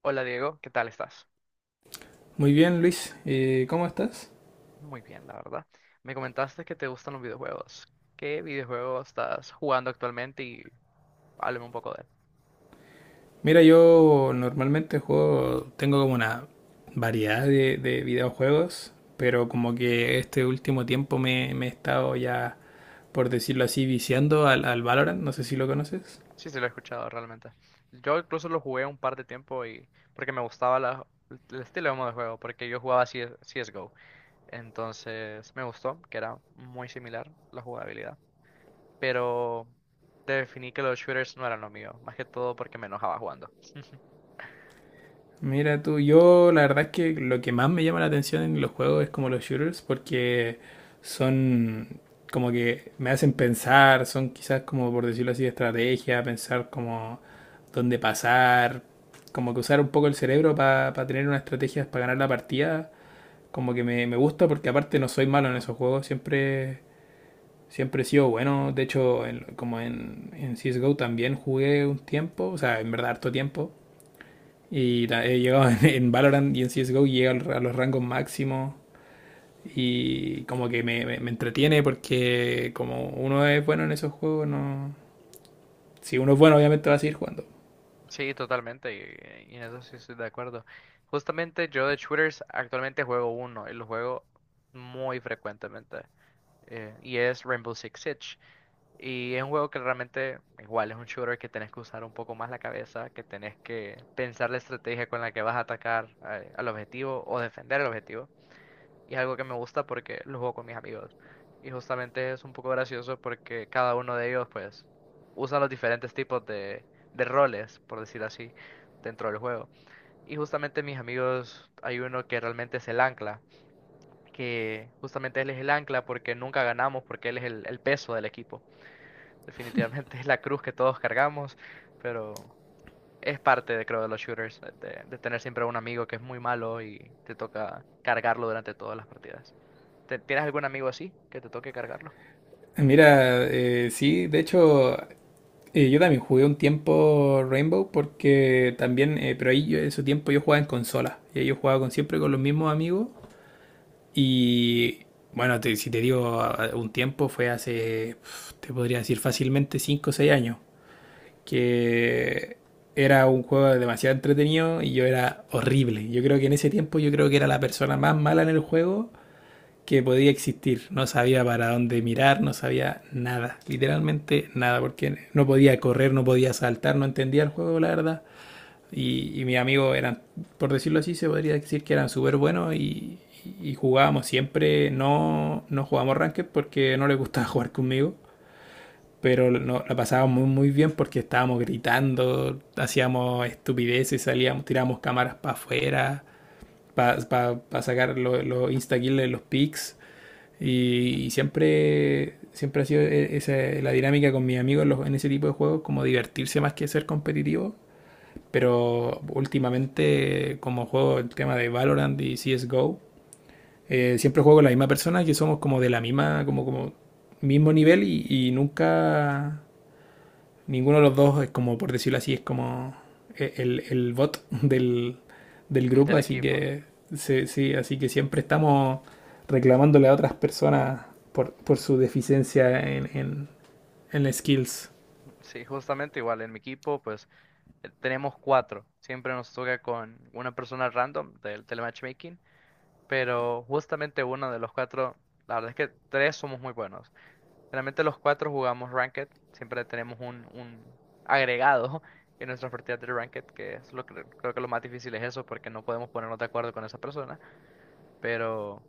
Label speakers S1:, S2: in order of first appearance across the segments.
S1: Hola Diego, ¿qué tal estás?
S2: Muy bien, Luis. ¿Cómo estás?
S1: Muy bien, la verdad. Me comentaste que te gustan los videojuegos. ¿Qué videojuego estás jugando actualmente? Y háblame un poco de él.
S2: Mira, yo normalmente juego, tengo como una variedad de videojuegos, pero como que este último tiempo me he estado ya, por decirlo así, viciando al Valorant, no sé si lo conoces.
S1: Sí, sí, lo he escuchado realmente. Yo incluso lo jugué un par de tiempo y porque me gustaba el estilo de modo de juego, porque yo jugaba CS CSGO. Entonces me gustó, que era muy similar la jugabilidad. Pero definí que los shooters no eran lo mío, más que todo porque me enojaba jugando.
S2: Mira tú, yo la verdad es que lo que más me llama la atención en los juegos es como los shooters, porque son como que me hacen pensar, son quizás como por decirlo así, estrategia, pensar como dónde pasar, como que usar un poco el cerebro para tener unas estrategias para ganar la partida, como que me gusta porque aparte no soy malo en esos juegos, siempre, siempre he sido bueno, de hecho como en CSGO también jugué un tiempo, o sea, en verdad harto tiempo. Y he llegado en Valorant y en CSGO y llega a los rangos máximos. Y como que me entretiene porque como uno es bueno en esos juegos, no... Si uno es bueno, obviamente va a seguir jugando.
S1: Sí, totalmente, y en eso sí estoy de acuerdo. Justamente yo de shooters actualmente juego uno y lo juego muy frecuentemente, y es Rainbow Six Siege. Y es un juego que realmente, igual, es un shooter que tenés que usar un poco más la cabeza, que tenés que pensar la estrategia con la que vas a atacar al objetivo o defender el objetivo. Y es algo que me gusta porque lo juego con mis amigos. Y justamente es un poco gracioso porque cada uno de ellos, pues, usa los diferentes tipos de roles, por decir así, dentro del juego. Y justamente mis amigos, hay uno que realmente es el ancla, que justamente él es el ancla porque nunca ganamos, porque él es el peso del equipo. Definitivamente es la cruz que todos cargamos, pero es parte de, creo, de los shooters, de tener siempre un amigo que es muy malo y te toca cargarlo durante todas las partidas. ¿Tienes algún amigo así que te toque cargarlo?
S2: Mira, sí, de hecho, yo también jugué un tiempo Rainbow porque también, pero ahí yo, en su tiempo yo jugaba en consola. Y ahí yo jugaba con, siempre con los mismos amigos. Y bueno, si te digo un tiempo, fue hace, pf, te podría decir fácilmente 5 o 6 años, que era un juego demasiado entretenido y yo era horrible. Yo creo que en ese tiempo yo creo que era la persona más mala en el juego que podía existir. No sabía para dónde mirar, no sabía nada, literalmente nada, porque no podía correr, no podía saltar, no entendía el juego, la verdad. Y mis amigos eran, por decirlo así, se podría decir que eran súper buenos y jugábamos siempre, no, no jugábamos ranked porque no les gustaba jugar conmigo, pero no, la pasábamos muy, muy bien porque estábamos gritando, hacíamos estupideces, salíamos, tirábamos cámaras para afuera, para pa sacar los lo instakills, de los pics, siempre, siempre ha sido esa, la dinámica con mis amigos en ese tipo de juegos, como divertirse más que ser competitivo, pero últimamente como juego el tema de Valorant y CSGO, siempre juego con la misma persona, que somos como de la misma, como, como mismo nivel y nunca ninguno de los dos es como, por decirlo así, es como el bot del, del grupo,
S1: Del
S2: así
S1: equipo.
S2: que sí, sí, así que siempre estamos reclamándole a otras personas por su deficiencia en las skills.
S1: Sí, justamente igual. En mi equipo, pues tenemos cuatro. Siempre nos toca con una persona random del telematchmaking. Pero justamente uno de los cuatro, la verdad es que tres somos muy buenos. Realmente los cuatro jugamos Ranked. Siempre tenemos un agregado en nuestras partidas de Ranked, que es lo que creo que lo más difícil es eso, porque no podemos ponernos de acuerdo con esa persona. Pero.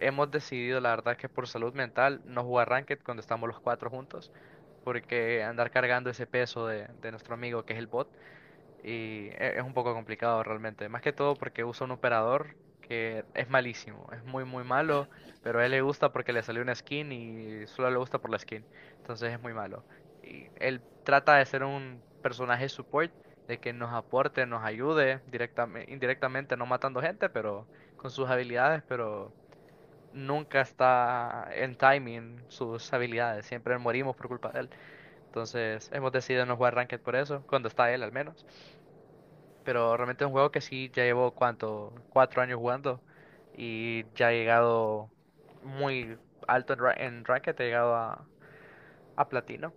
S1: Hemos decidido, la verdad, que por salud mental no jugar ranked cuando estamos los cuatro juntos, porque andar cargando ese peso de nuestro amigo que es el bot y es un poco complicado realmente. Más que todo porque usa un operador que es malísimo, es muy muy malo, pero a él le gusta porque le salió una skin y solo le gusta por la skin, entonces es muy malo. Y él trata de ser un personaje support, de que nos aporte, nos ayude directamente, indirectamente, no matando gente, pero con sus habilidades, pero nunca está en timing sus habilidades, siempre morimos por culpa de él. Entonces hemos decidido no jugar Ranked por eso, cuando está él al menos. Pero realmente es un juego que sí ya llevo cuánto, 4 años jugando y ya he llegado muy alto en, en Ranked, he llegado a, platino.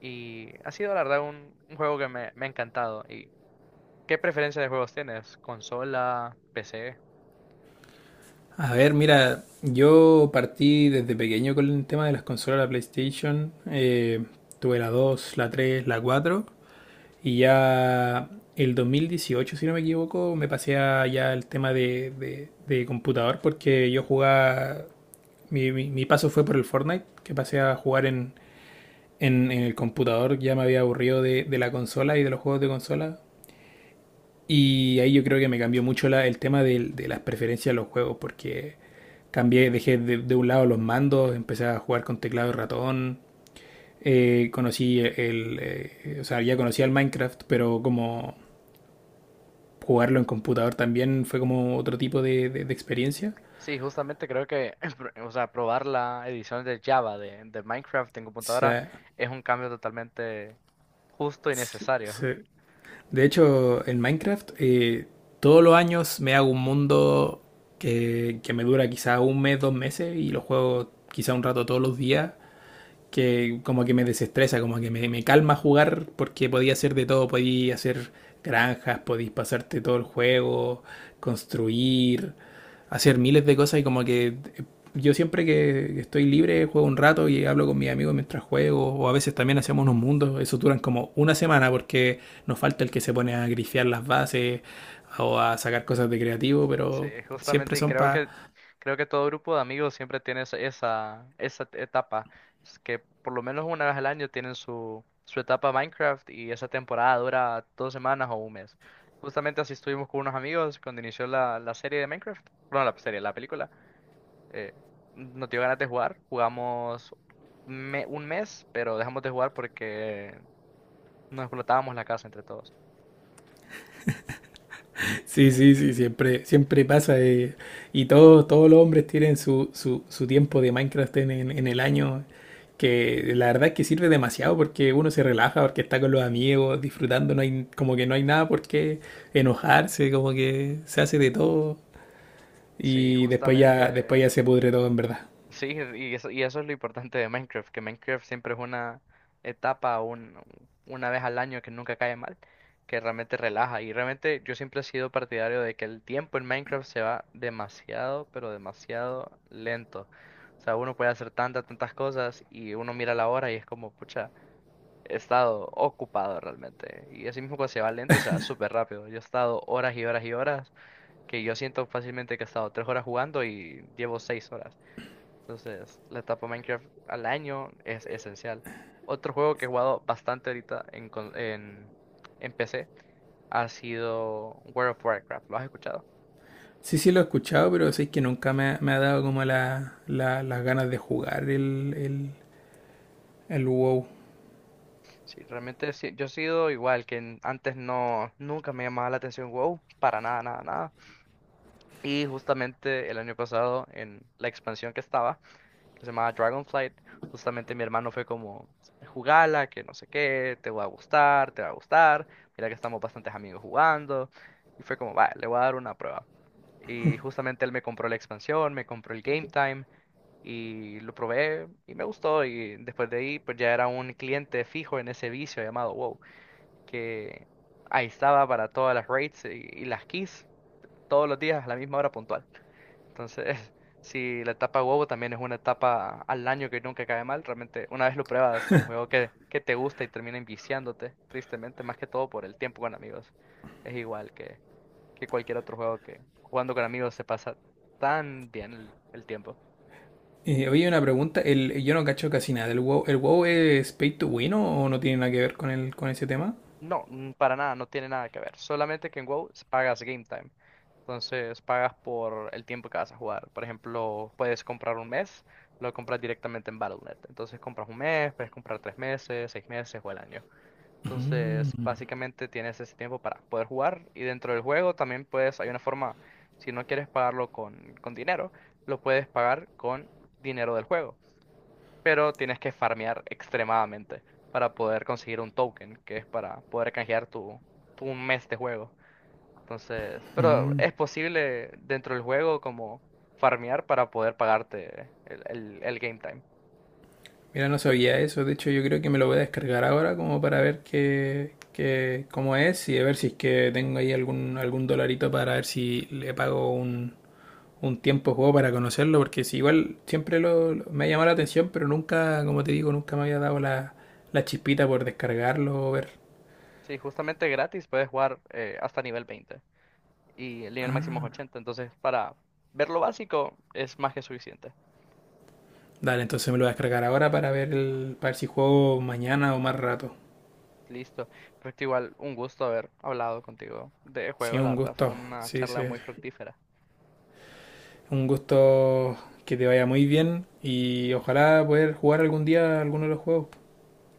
S1: Y ha sido la verdad un juego que me ha encantado. ¿Y qué preferencia de juegos tienes? ¿Consola? ¿PC?
S2: A ver, mira, yo partí desde pequeño con el tema de las consolas, la PlayStation. Tuve la dos, la tres, la cuatro. Y ya el 2018, si no me equivoco, me pasé a ya el tema de computador porque yo jugaba, mi paso fue por el Fortnite, que pasé a jugar en el computador, ya me había aburrido de la consola y de los juegos de consola. Y ahí yo creo que me cambió mucho el tema de, las preferencias de los juegos porque cambié, dejé de un lado los mandos, empecé a jugar con teclado y ratón. Conocí o sea, ya conocía el Minecraft, pero como jugarlo en computador también fue como otro tipo de experiencia.
S1: Sí, justamente creo que, o sea, probar la edición de Java de Minecraft
S2: O
S1: en computadora
S2: sea,
S1: es un cambio totalmente justo y
S2: se-
S1: necesario.
S2: se- de hecho, en Minecraft, todos los años me hago un mundo que me dura quizá un mes, dos meses y lo juego quizá un rato todos los días, que como que me desestresa, como que me calma jugar porque podía hacer de todo, podía hacer granjas, podéis pasarte todo el juego, construir, hacer miles de cosas y como que yo siempre que estoy libre juego un rato y hablo con mis amigos mientras juego o a veces también hacemos unos mundos, eso duran como una semana porque nos falta el que se pone a grifear las bases o a sacar cosas de creativo,
S1: Sí,
S2: pero siempre
S1: justamente, y
S2: son para...
S1: creo que todo grupo de amigos siempre tiene esa etapa, es que por lo menos una vez al año tienen su etapa Minecraft y esa temporada dura 2 semanas o un mes. Justamente así estuvimos con unos amigos cuando inició la serie de Minecraft, bueno, la serie, la película. eh, Nos dio ganas de jugar. Jugamos un mes, pero dejamos de jugar porque nos explotábamos la casa entre todos.
S2: Sí, sí, sí, siempre, siempre pasa. Y todos, todos los hombres tienen su, su tiempo de Minecraft en, en el año, que la verdad es que sirve demasiado porque uno se relaja, porque está con los amigos, disfrutando, no hay, como que no hay nada por qué enojarse, como que se hace de todo
S1: Sí,
S2: y después
S1: justamente.
S2: ya se pudre todo en verdad.
S1: Sí, y eso es lo importante de Minecraft, que Minecraft siempre es una etapa, una vez al año que nunca cae mal, que realmente relaja. Y realmente yo siempre he sido partidario de que el tiempo en Minecraft se va demasiado, pero demasiado lento. O sea, uno puede hacer tantas, tantas cosas y uno mira la hora y es como, pucha. He estado ocupado realmente. Y así mismo cuando se va lento, se va súper rápido. Yo he estado horas y horas y horas, que yo siento fácilmente que he estado 3 horas jugando y llevo 6 horas. Entonces, la etapa Minecraft al año es esencial. Otro juego que he jugado bastante ahorita en PC ha sido World of Warcraft. ¿Lo has escuchado?
S2: Sí, sí lo he escuchado, pero sí que nunca me, ha me ha dado como la, las ganas de jugar el WoW.
S1: Sí, realmente sí, yo he sido igual que antes no, nunca me llamaba la atención WoW, para nada, nada, nada. Y justamente el año pasado, en la expansión que estaba, que se llamaba Dragonflight, justamente mi hermano fue como, jugala, que no sé qué, te va a gustar, te va a gustar, mira que estamos bastantes amigos jugando, y fue como, va, le voy a dar una prueba. Y justamente él me compró la expansión, me compró el Game Time, y lo probé, y me gustó, y después de ahí, pues ya era un cliente fijo en ese vicio llamado WoW, que ahí estaba para todas las raids y las keys, todos los días a la misma hora puntual. Entonces, si la etapa huevo también es una etapa al año que nunca cae mal, realmente una vez lo pruebas, es un juego que te gusta y termina enviciándote, tristemente, más que todo por el tiempo con amigos. Es igual que cualquier otro juego que jugando con amigos se pasa tan bien el tiempo.
S2: Oye, una pregunta, el, yo no cacho casi nada del WoW, ¿el WoW es pay to win o no tiene nada que ver con el, con ese tema?
S1: No, para nada, no tiene nada que ver. Solamente que en WoW pagas game time. Entonces pagas por el tiempo que vas a jugar. Por ejemplo, puedes comprar un mes, lo compras directamente en Battle.net. Entonces compras un mes, puedes comprar 3 meses, 6 meses o el año. Entonces básicamente tienes ese tiempo para poder jugar y dentro del juego también puedes, hay una forma, si no quieres pagarlo con dinero, lo puedes pagar con dinero del juego pero tienes que farmear extremadamente para poder conseguir un token, que es para poder canjear tu, un mes de juego. Entonces, pero
S2: Mm.
S1: es posible dentro del juego como farmear para poder pagarte el game time.
S2: Mira, no sabía eso. De hecho, yo creo que me lo voy a descargar ahora como para ver cómo es y a ver si es que tengo ahí algún, algún dolarito para ver si le pago un tiempo de juego para conocerlo. Porque si igual siempre me ha llamado la atención, pero nunca, como te digo, nunca me había dado la, la chispita por descargarlo o ver.
S1: Sí, justamente gratis puedes jugar hasta nivel 20 y el nivel máximo es 80, entonces para ver lo básico es más que suficiente.
S2: Dale, entonces me lo voy a descargar ahora para ver el, para ver si juego mañana o más rato.
S1: Listo, pero igual un gusto haber hablado contigo de
S2: Sí,
S1: juegos, la
S2: un
S1: verdad, fue
S2: gusto.
S1: una
S2: Sí,
S1: charla
S2: sí.
S1: muy fructífera.
S2: Un gusto, que te vaya muy bien y ojalá poder jugar algún día alguno de los juegos.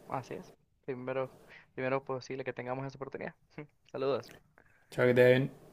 S1: Así es. Primero, Primero posible que tengamos esa oportunidad. Saludos.
S2: Chao, que te vaya bien.